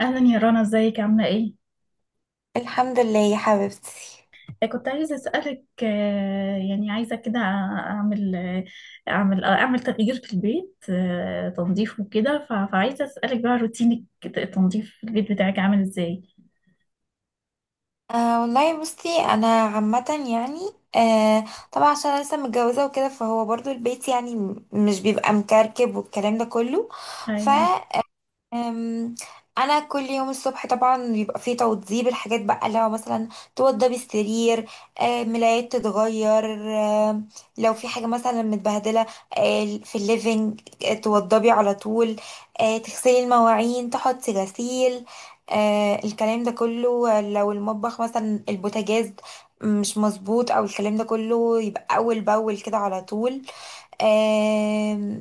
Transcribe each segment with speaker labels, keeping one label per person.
Speaker 1: أهلا يا رنا، ازيك عاملة ايه؟
Speaker 2: الحمد لله يا حبيبتي.
Speaker 1: كنت عايزة أسألك، يعني عايزة كده أعمل تغيير في البيت، تنظيف وكده. فعايزة أسألك بقى، روتينك التنظيف في البيت بتاعك عامل ازاي؟
Speaker 2: والله، بصي، انا عامه يعني آه طبعا عشان انا لسه متجوزه وكده، فهو برضو البيت يعني مش بيبقى مكركب والكلام ده كله.
Speaker 1: أيوة.
Speaker 2: أم، انا كل يوم الصبح طبعا بيبقى فيه توضيب الحاجات بقى. لو مثلا توضب السرير، ملايات تتغير. لو في حاجه مثلا متبهدله في الليفينج، توضبي على طول. تغسلي المواعين، تحطي غسيل، الكلام ده كله. لو المطبخ مثلا البوتاجاز مش مظبوط او الكلام ده كله، يبقى اول باول كده على طول. آم،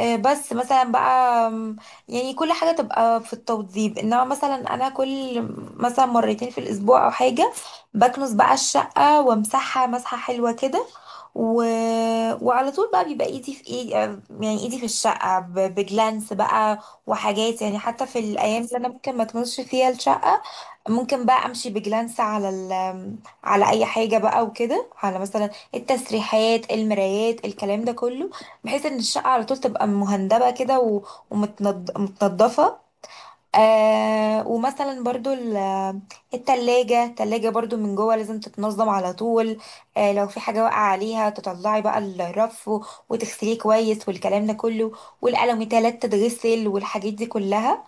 Speaker 2: بس مثلا بقى يعني كل حاجة تبقى في التوضيب. انما مثلا انا كل مثلا مرتين في الاسبوع او حاجة بكنس بقى الشقة وامسحها مسحة حلوة كده. و... وعلى طول بقى بيبقى ايدي في ايدي، يعني ايدي في الشقة بجلانس بقى. وحاجات يعني حتى في الايام اللي انا ممكن ما تمسش فيها الشقة، ممكن بقى امشي بجلانس على على اي حاجة بقى، وكده على مثلا التسريحات، المرايات، الكلام ده كله، بحيث ان الشقة على طول تبقى مهندبة كده متنضفة. ومثلا برضو التلاجة، التلاجة برضو من جوه لازم تتنظم على طول. لو في حاجة واقعة عليها، تطلعي بقى الرف وتغسليه كويس والكلام ده كله، والقلم تلات تتغسل والحاجات دي كلها.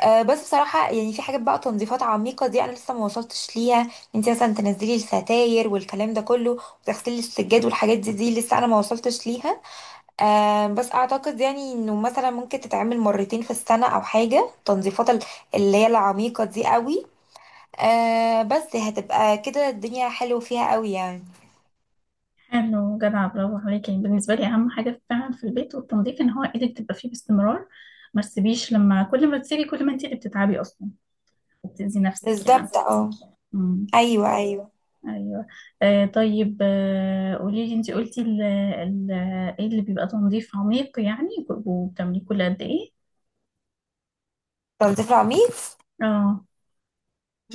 Speaker 2: أه، بس بصراحة يعني في حاجات بقى تنظيفات عميقة دي أنا لسه ما وصلتش ليها. انت مثلا تنزلي الستاير والكلام ده كله وتغسلي السجاد والحاجات دي، دي لسه أنا ما وصلتش ليها. أه، بس أعتقد يعني إنه مثلا ممكن تتعمل مرتين في السنة أو حاجة تنظيفات اللي هي العميقة دي قوي. أه، بس هتبقى كده الدنيا حلوة فيها قوي يعني.
Speaker 1: حلو، جدع، برافو عليكي. يعني بالنسبة لي أهم حاجة فعلا في البيت والتنظيف إن هو إيدك تبقى فيه باستمرار، ما تسيبيش، لما كل ما تسيبي كل ما انت اللي بتتعبي أصلا، وبتأذي نفسك يعني.
Speaker 2: بالظبط، اه. أيوه، أيوه.
Speaker 1: ايوه. طيب، قولي لي، انت قلتي ال ال ايه اللي بيبقى تنظيف عميق يعني، وبتعمليه كل قد ايه؟
Speaker 2: تنظيف عميق.
Speaker 1: اه.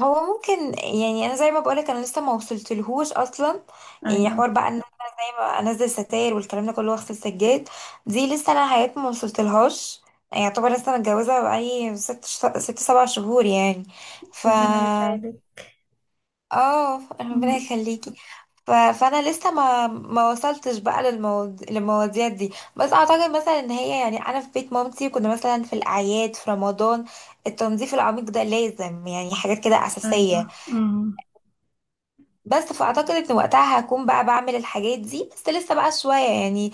Speaker 2: هو ممكن يعني انا زي ما بقولك، انا لسه ما وصلتلهوش اصلا. يعني
Speaker 1: ايوه.
Speaker 2: حوار بقى ان انا زي ما انزل ستاير والكلام ده كله واغسل سجاد، دي لسه انا حياتي ما وصلتلهاش. يعني يعتبر لسه متجوزه بقالي ست سبع شهور يعني. ف
Speaker 1: ربنا يساعدك.
Speaker 2: اه، ربنا
Speaker 1: أمم.
Speaker 2: يخليكي. فانا لسه ما وصلتش بقى للمواضيع دي. بس اعتقد مثلا ان هي، يعني انا في بيت مامتي كنا مثلا في الاعياد في رمضان التنظيف العميق ده لازم، يعني حاجات كده
Speaker 1: ايوه،
Speaker 2: اساسيه.
Speaker 1: امم.
Speaker 2: بس فاعتقد ان وقتها هكون بقى بعمل الحاجات دي، بس لسه بقى شويه يعني.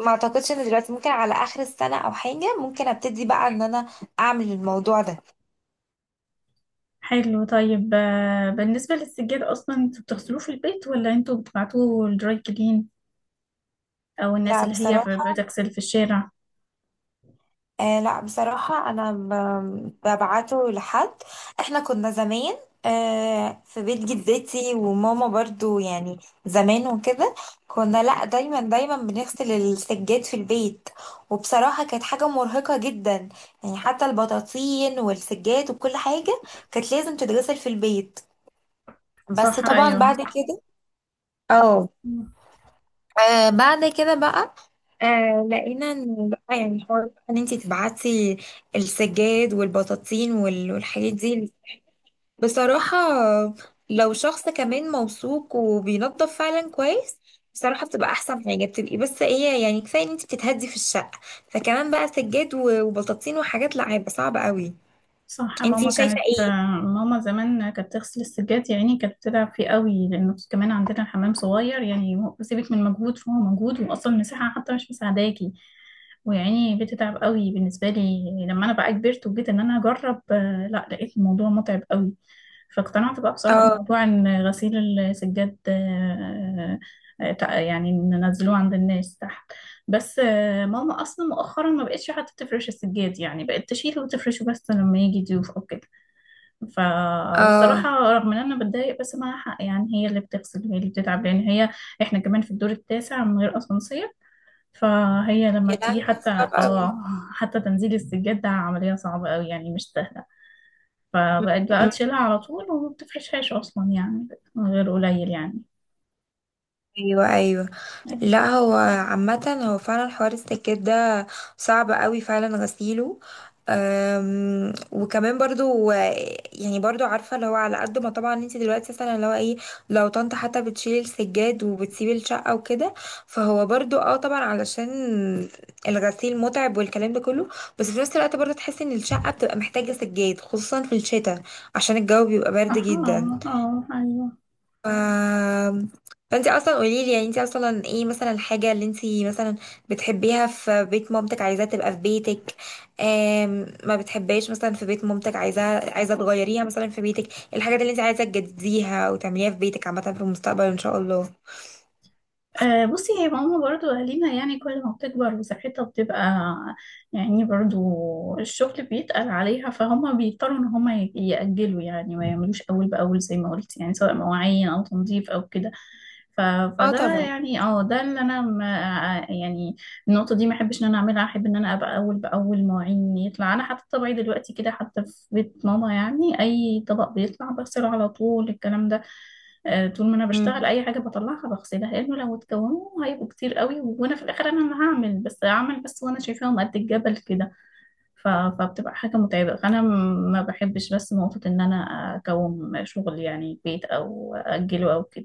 Speaker 2: ما اعتقدش ان دلوقتي، ممكن على اخر السنه او حاجه ممكن ابتدي بقى ان انا اعمل الموضوع ده.
Speaker 1: حلو، طيب. بالنسبه للسجاد، اصلا انتوا بتغسلوه في البيت، ولا انتوا بتبعتوه للدراي كلين، او الناس
Speaker 2: لا
Speaker 1: اللي هي
Speaker 2: بصراحه.
Speaker 1: بتغسل في الشارع؟
Speaker 2: لا بصراحة أنا ببعته لحد. إحنا كنا زمان في بيت جدتي وماما برضو، يعني زمان وكده، كنا لا، دايما دايما بنغسل السجاد في البيت. وبصراحة كانت حاجة مرهقة جدا، يعني حتى البطاطين والسجاد وكل حاجة كانت لازم تتغسل في البيت. بس
Speaker 1: صح،
Speaker 2: طبعا بعد
Speaker 1: ايوه.
Speaker 2: كده، اه. بعد كده بقى لقينا ان بقى، يعني حوار بقى ان انتي تبعتي السجاد والبطاطين والحاجات دي. بصراحة، لو شخص كمان موثوق وبينظف فعلا كويس، بصراحة بتبقى احسن حاجة. بتبقي بس ايه، يعني كفاية ان انتي بتتهدي في الشقة، فكمان بقى سجاد وبطاطين وحاجات، لا هيبقى صعب قوي.
Speaker 1: صح،
Speaker 2: انتي شايفة ايه؟
Speaker 1: ماما زمان كانت تغسل السجاد، يعني كانت بتتعب فيه قوي، لانه كمان عندنا حمام صغير، يعني سيبك من مجهود، فهو مجهود، واصلا المساحه حتى مش مساعداكي. ويعني بتتعب قوي بالنسبه لي. لما انا بقى كبرت وجيت ان انا اجرب، لا لقيت الموضوع متعب قوي. فاقتنعت بقى بصراحه
Speaker 2: اه،
Speaker 1: موضوع ان غسيل السجاد، يعني ننزلوه عند الناس تحت. بس يعني ماما اصلا مؤخرا ما بقتش حتى تفرش السجاد، يعني بقت تشيله وتفرشه بس لما يجي ضيوف او كده. ف
Speaker 2: اه.
Speaker 1: والصراحه رغم ان انا بتضايق، بس معاها حق، يعني هي اللي بتغسل، هي اللي بتتعب، لان هي، احنا كمان في الدور التاسع من غير اسانسير. فهي لما بتيجي،
Speaker 2: صعب
Speaker 1: حتى
Speaker 2: قوي.
Speaker 1: اه حتى تنزيل السجاد ده عمليه صعبه قوي، يعني مش سهله.
Speaker 2: م-
Speaker 1: فبقت بقى
Speaker 2: م-
Speaker 1: تشيلها على طول، وما بتفرشهاش اصلا يعني، من غير قليل يعني.
Speaker 2: ايوه، ايوه. لا، هو عامة هو فعلا حوار السكات ده صعب قوي فعلا غسيله. وكمان برضو يعني برضو عارفة، اللي هو على قد ما طبعا انت دلوقتي، مثلا اللي هو ايه، لو طنط حتى بتشيل السجاد وبتسيب الشقة وكده، فهو برضو اه طبعا علشان الغسيل متعب والكلام ده كله. بس في نفس الوقت برضو تحس ان الشقة بتبقى محتاجة سجاد، خصوصا في الشتاء، عشان الجو بيبقى برد
Speaker 1: أها،
Speaker 2: جدا.
Speaker 1: أها، أيوة.
Speaker 2: ف... فانت اصلا قولي لي، يعني انت اصلا ايه مثلا الحاجه اللي انت مثلا بتحبيها في بيت مامتك عايزاها تبقى في بيتك؟ ما بتحبهاش مثلا في بيت مامتك عايزاها، عايزه تغيريها مثلا في بيتك. الحاجات اللي انت عايزه تجدديها وتعمليها في بيتك عامه في المستقبل ان شاء الله.
Speaker 1: بصي، هي ماما برضو أهالينا، يعني كل ما بتكبر وصحتها بتبقى، يعني برضو الشغل بيتقل عليها، فهم بيضطروا إن هم يأجلوا، يعني ما يعملوش أول بأول زي ما قلت، يعني سواء مواعين أو تنظيف أو كده. ف...
Speaker 2: اه
Speaker 1: فده
Speaker 2: طبعا.
Speaker 1: يعني، اه، ده اللي أنا ما، يعني النقطة دي ما أحبش إن أنا أعملها. أحب إن أنا أبقى أول بأول، مواعين يطلع أنا، حتى طبعي دلوقتي كده حتى في بيت ماما، يعني أي طبق بيطلع بغسله على طول، الكلام ده. طول ما انا بشتغل
Speaker 2: مم.
Speaker 1: اي حاجه بطلعها بغسلها، لانه لو اتكونوا هيبقوا كتير قوي، وانا في الاخر انا اللي هعمل، بس هعمل، بس وانا شايفاهم قد الجبل كده. فبتبقى حاجة متعبة، فأنا ما بحبش بس نقطة إن أنا أكوم شغل، يعني بيت، أو أجله، أو كده.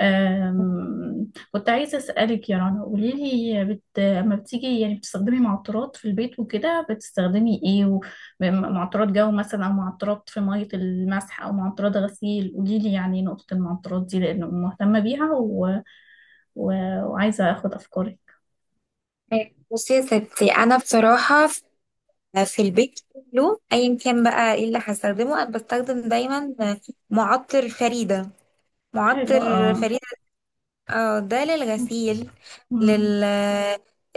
Speaker 1: كنت عايزة أسألك يا رنا، قولي لي، لما بتيجي يعني بتستخدمي معطرات في البيت وكده، بتستخدمي إيه معطرات جو مثلا، أو معطرات في مية المسح، أو معطرات غسيل؟ قولي لي يعني نقطة المعطرات دي، لأنه مهتمة بيها، و... وعايزة أخد أفكارك.
Speaker 2: بصي يا ستي، انا بصراحه في في البيت كله، ايا كان بقى ايه اللي هستخدمه، انا بستخدم دايما معطر فريده.
Speaker 1: حلو،
Speaker 2: معطر
Speaker 1: اه.
Speaker 2: فريده. اه، ده
Speaker 1: م-
Speaker 2: للغسيل،
Speaker 1: م-
Speaker 2: لل،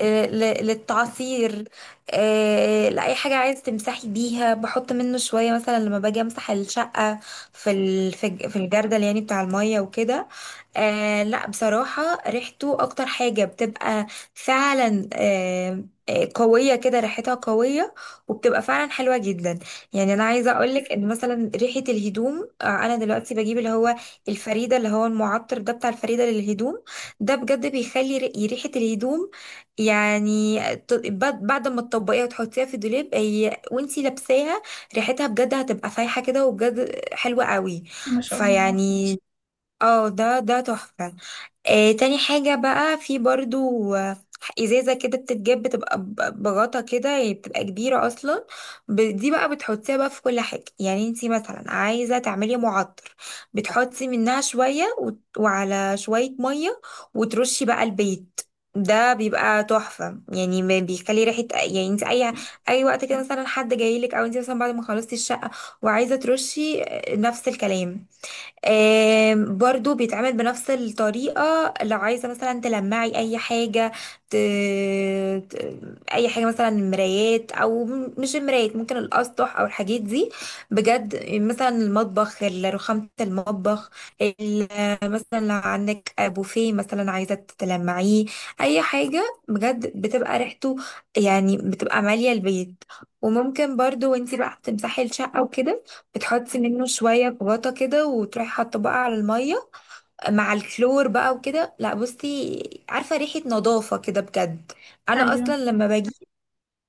Speaker 2: للتعصير. لأي حاجة عايز تمسحي بيها بحط منه شوية. مثلا لما باجي امسح الشقة في في في الجردل، يعني بتاع المية وكده. لا بصراحة ريحته أكتر حاجة، بتبقى فعلا قوية كده، ريحتها قوية، وبتبقى فعلا حلوة جدا. يعني أنا عايزة أقولك إن مثلا ريحة الهدوم، أنا دلوقتي بجيب اللي هو الفريدة، اللي هو المعطر ده بتاع الفريدة للهدوم، ده بجد بيخلي ريحة الهدوم يعني بعد ما تطبقيها وتحطيها في الدولاب، هي وانتي لابساها ريحتها بجد هتبقى فايحة كده وبجد حلوة قوي.
Speaker 1: ما شاء الله.
Speaker 2: فيعني اه، ده تحفة. تاني حاجة بقى في برضو، ازازة كده بتتجاب، بتبقى بغطا كده، يعني بتبقى كبيرة اصلا. دي بقى بتحطيها بقى في كل حاجة، يعني انتي مثلا عايزة تعملي معطر، بتحطي منها شوية وعلى شوية مية، وترشي بقى البيت. ده بيبقى تحفة، يعني ما بيخلي ريحة. يعني انت اي اي وقت كده، مثلا حد جايلك او انت مثلا بعد ما خلصتي الشقة وعايزة ترشي، نفس الكلام. برضو بيتعمل بنفس الطريقة. لو عايزة مثلا تلمعي أي حاجة، ت... ت... أي حاجة مثلا مرايات أو مش المرايات، ممكن الأسطح أو الحاجات دي. بجد مثلا المطبخ، رخامة المطبخ، ال... مثلا لو عندك بوفيه مثلا عايزة تلمعيه، أي حاجة بجد بتبقى ريحته، يعني بتبقى مالية البيت. وممكن برضو وانتي بقى تمسحي الشقة وكده، بتحطي منه شوية في غطا كده وتروحي حاطه بقى على المية مع الكلور بقى وكده. لا بصي، عارفة ريحة نظافة كده بجد. أنا
Speaker 1: أيوه.
Speaker 2: أصلا لما بجيب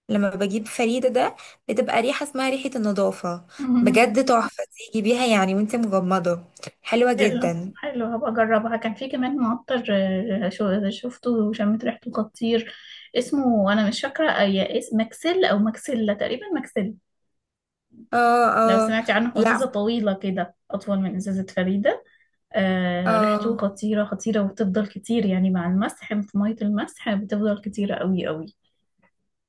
Speaker 2: لما بجيب فريدة ده بتبقى ريحة اسمها ريحة النظافة.
Speaker 1: مم.
Speaker 2: بجد تحفة تيجي بيها يعني وانت مغمضة. حلوة
Speaker 1: حلو،
Speaker 2: جدا.
Speaker 1: حلو، هبقى اجربها. كان في كمان معطر، شفته وشميت ريحته خطير. اسمه انا مش فاكره، اي اسم، ماكسيل او ماكسيلا تقريبا، ماكسيل.
Speaker 2: اه،
Speaker 1: لو
Speaker 2: اه.
Speaker 1: سمعتي عنه، هو
Speaker 2: لا،
Speaker 1: ازازه طويله كده، اطول من ازازه فريده. آه، ريحته
Speaker 2: اه
Speaker 1: خطيره خطيره، وبتفضل كتير يعني مع المسح، في ميه المسح بتفضل كتيره قوي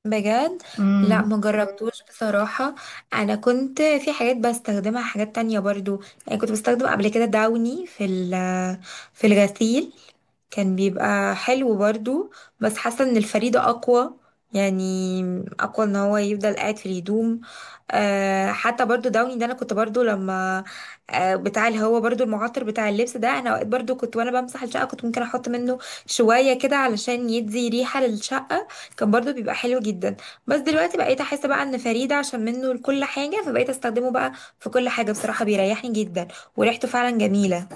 Speaker 2: بجد. لا،
Speaker 1: قوي.
Speaker 2: مجربتوش بصراحة. انا كنت في حاجات بستخدمها حاجات تانية برضو. يعني كنت بستخدم قبل كده داوني في في الغسيل، كان بيبقى حلو برضو. بس حاسة ان الفريدة اقوى، يعني اقوى ان هو يفضل قاعد في الهدوم. أه حتى برضو داوني ده، انا كنت برضو لما أه بتاع اللي هو برضو المعطر بتاع اللبس ده، انا اوقات برضو كنت وانا بمسح الشقة كنت ممكن احط منه شوية كده علشان يدي ريحة للشقة. كان برضو بيبقى حلو جدا. بس دلوقتي بقيت احس بقى ان فريدة عشان منه لكل حاجة، فبقيت استخدمه بقى في كل حاجة. بصراحة بيريحني جدا، وريحته فعلا جميلة.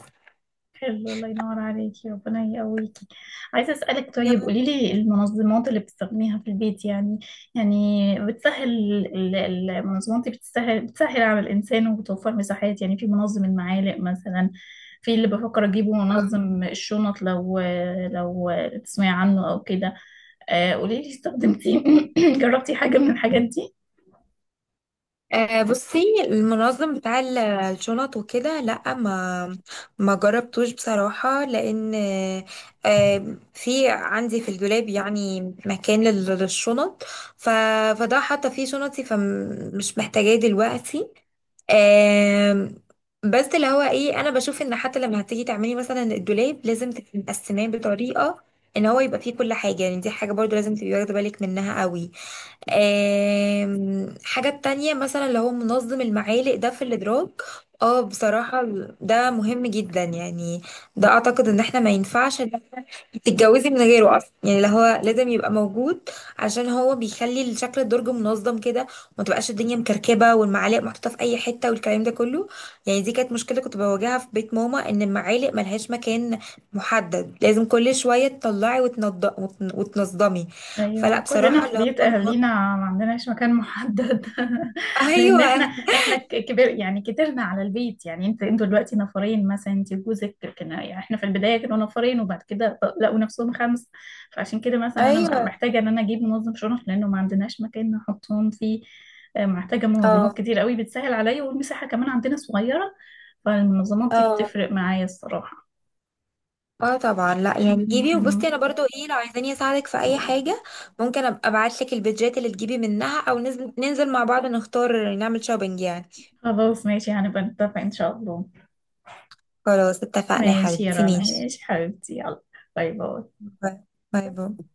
Speaker 1: حلو، الله ينور عليكي، ربنا يقويكي. عايزة أسألك، طيب قولي لي المنظمات اللي بتستخدميها في البيت يعني، يعني بتسهل، المنظمات دي بتسهل على الإنسان، وبتوفر مساحات. يعني في منظم المعالق مثلا، في اللي بفكر أجيبه منظم الشنط. لو تسمعي عنه أو كده. قولي لي، استخدمتي جربتي حاجة من الحاجات دي؟
Speaker 2: بصي، المنظم بتاع الشنط وكده، لا، ما ما جربتوش بصراحة. لأن في عندي في الدولاب يعني مكان للشنط، ف- فده حاطة فيه شنطي، فمش محتاجاه دلوقتي. آم، بس اللي هو ايه، انا بشوف ان حتى لما هتيجي تعملي مثلا الدولاب، لازم تبقي مقسماه بطريقه ان هو يبقى فيه كل حاجه. يعني دي حاجه برضو لازم تبقي واخده بالك منها قوي. حاجة تانية مثلا اللي هو منظم المعالق ده في الإدراك. اه بصراحة، ده مهم جدا يعني. ده أعتقد إن احنا ما ينفعش إن إنتي تتجوزي من غيره أصلا، يعني اللي هو لازم يبقى موجود عشان هو بيخلي شكل الدرج منظم كده، وما تبقاش الدنيا مكركبة والمعالق محطوطة في أي حتة والكلام ده كله. يعني دي كانت مشكلة كنت بواجهها في بيت ماما، إن المعالق ملهاش مكان محدد، لازم كل شوية تطلعي وتنظمي.
Speaker 1: ايوه،
Speaker 2: فلا
Speaker 1: كلنا
Speaker 2: بصراحة
Speaker 1: في
Speaker 2: اللي
Speaker 1: بيت
Speaker 2: هو،
Speaker 1: اهالينا ما عندناش مكان محدد. لان
Speaker 2: ايوه،
Speaker 1: احنا كبر، يعني كترنا على البيت، يعني انت انتوا دلوقتي نفرين مثلا انت وجوزك، لكن يعني احنا في البدايه كانوا نفرين، وبعد كده لقوا نفسهم خمس. فعشان كده مثلا انا
Speaker 2: ايوه.
Speaker 1: محتاجه ان انا اجيب منظم شرف، لانه ما عندناش مكان نحطهم فيه. محتاجه منظمات
Speaker 2: اه،
Speaker 1: كتير قوي بتسهل عليا، والمساحه كمان عندنا صغيره، فالمنظمات دي
Speaker 2: اه.
Speaker 1: بتفرق معايا الصراحه.
Speaker 2: اه طبعا، لا يعني
Speaker 1: م-
Speaker 2: جيبي. وبصي،
Speaker 1: م.
Speaker 2: انا برضو ايه، لو عايزاني اساعدك في اي حاجه، ممكن ابقى ابعت لك البيدجات اللي تجيبي منها، او ننزل، ننزل مع بعض نختار نعمل شوبينج يعني.
Speaker 1: خلاص ماشي، هنبقى نتفق ان شاء الله.
Speaker 2: خلاص، اتفقنا يا
Speaker 1: ماشي يا
Speaker 2: حبيبتي،
Speaker 1: رنا،
Speaker 2: ماشي.
Speaker 1: ماشي حبيبتي، يلا، باي باي.
Speaker 2: باي. باي، باي.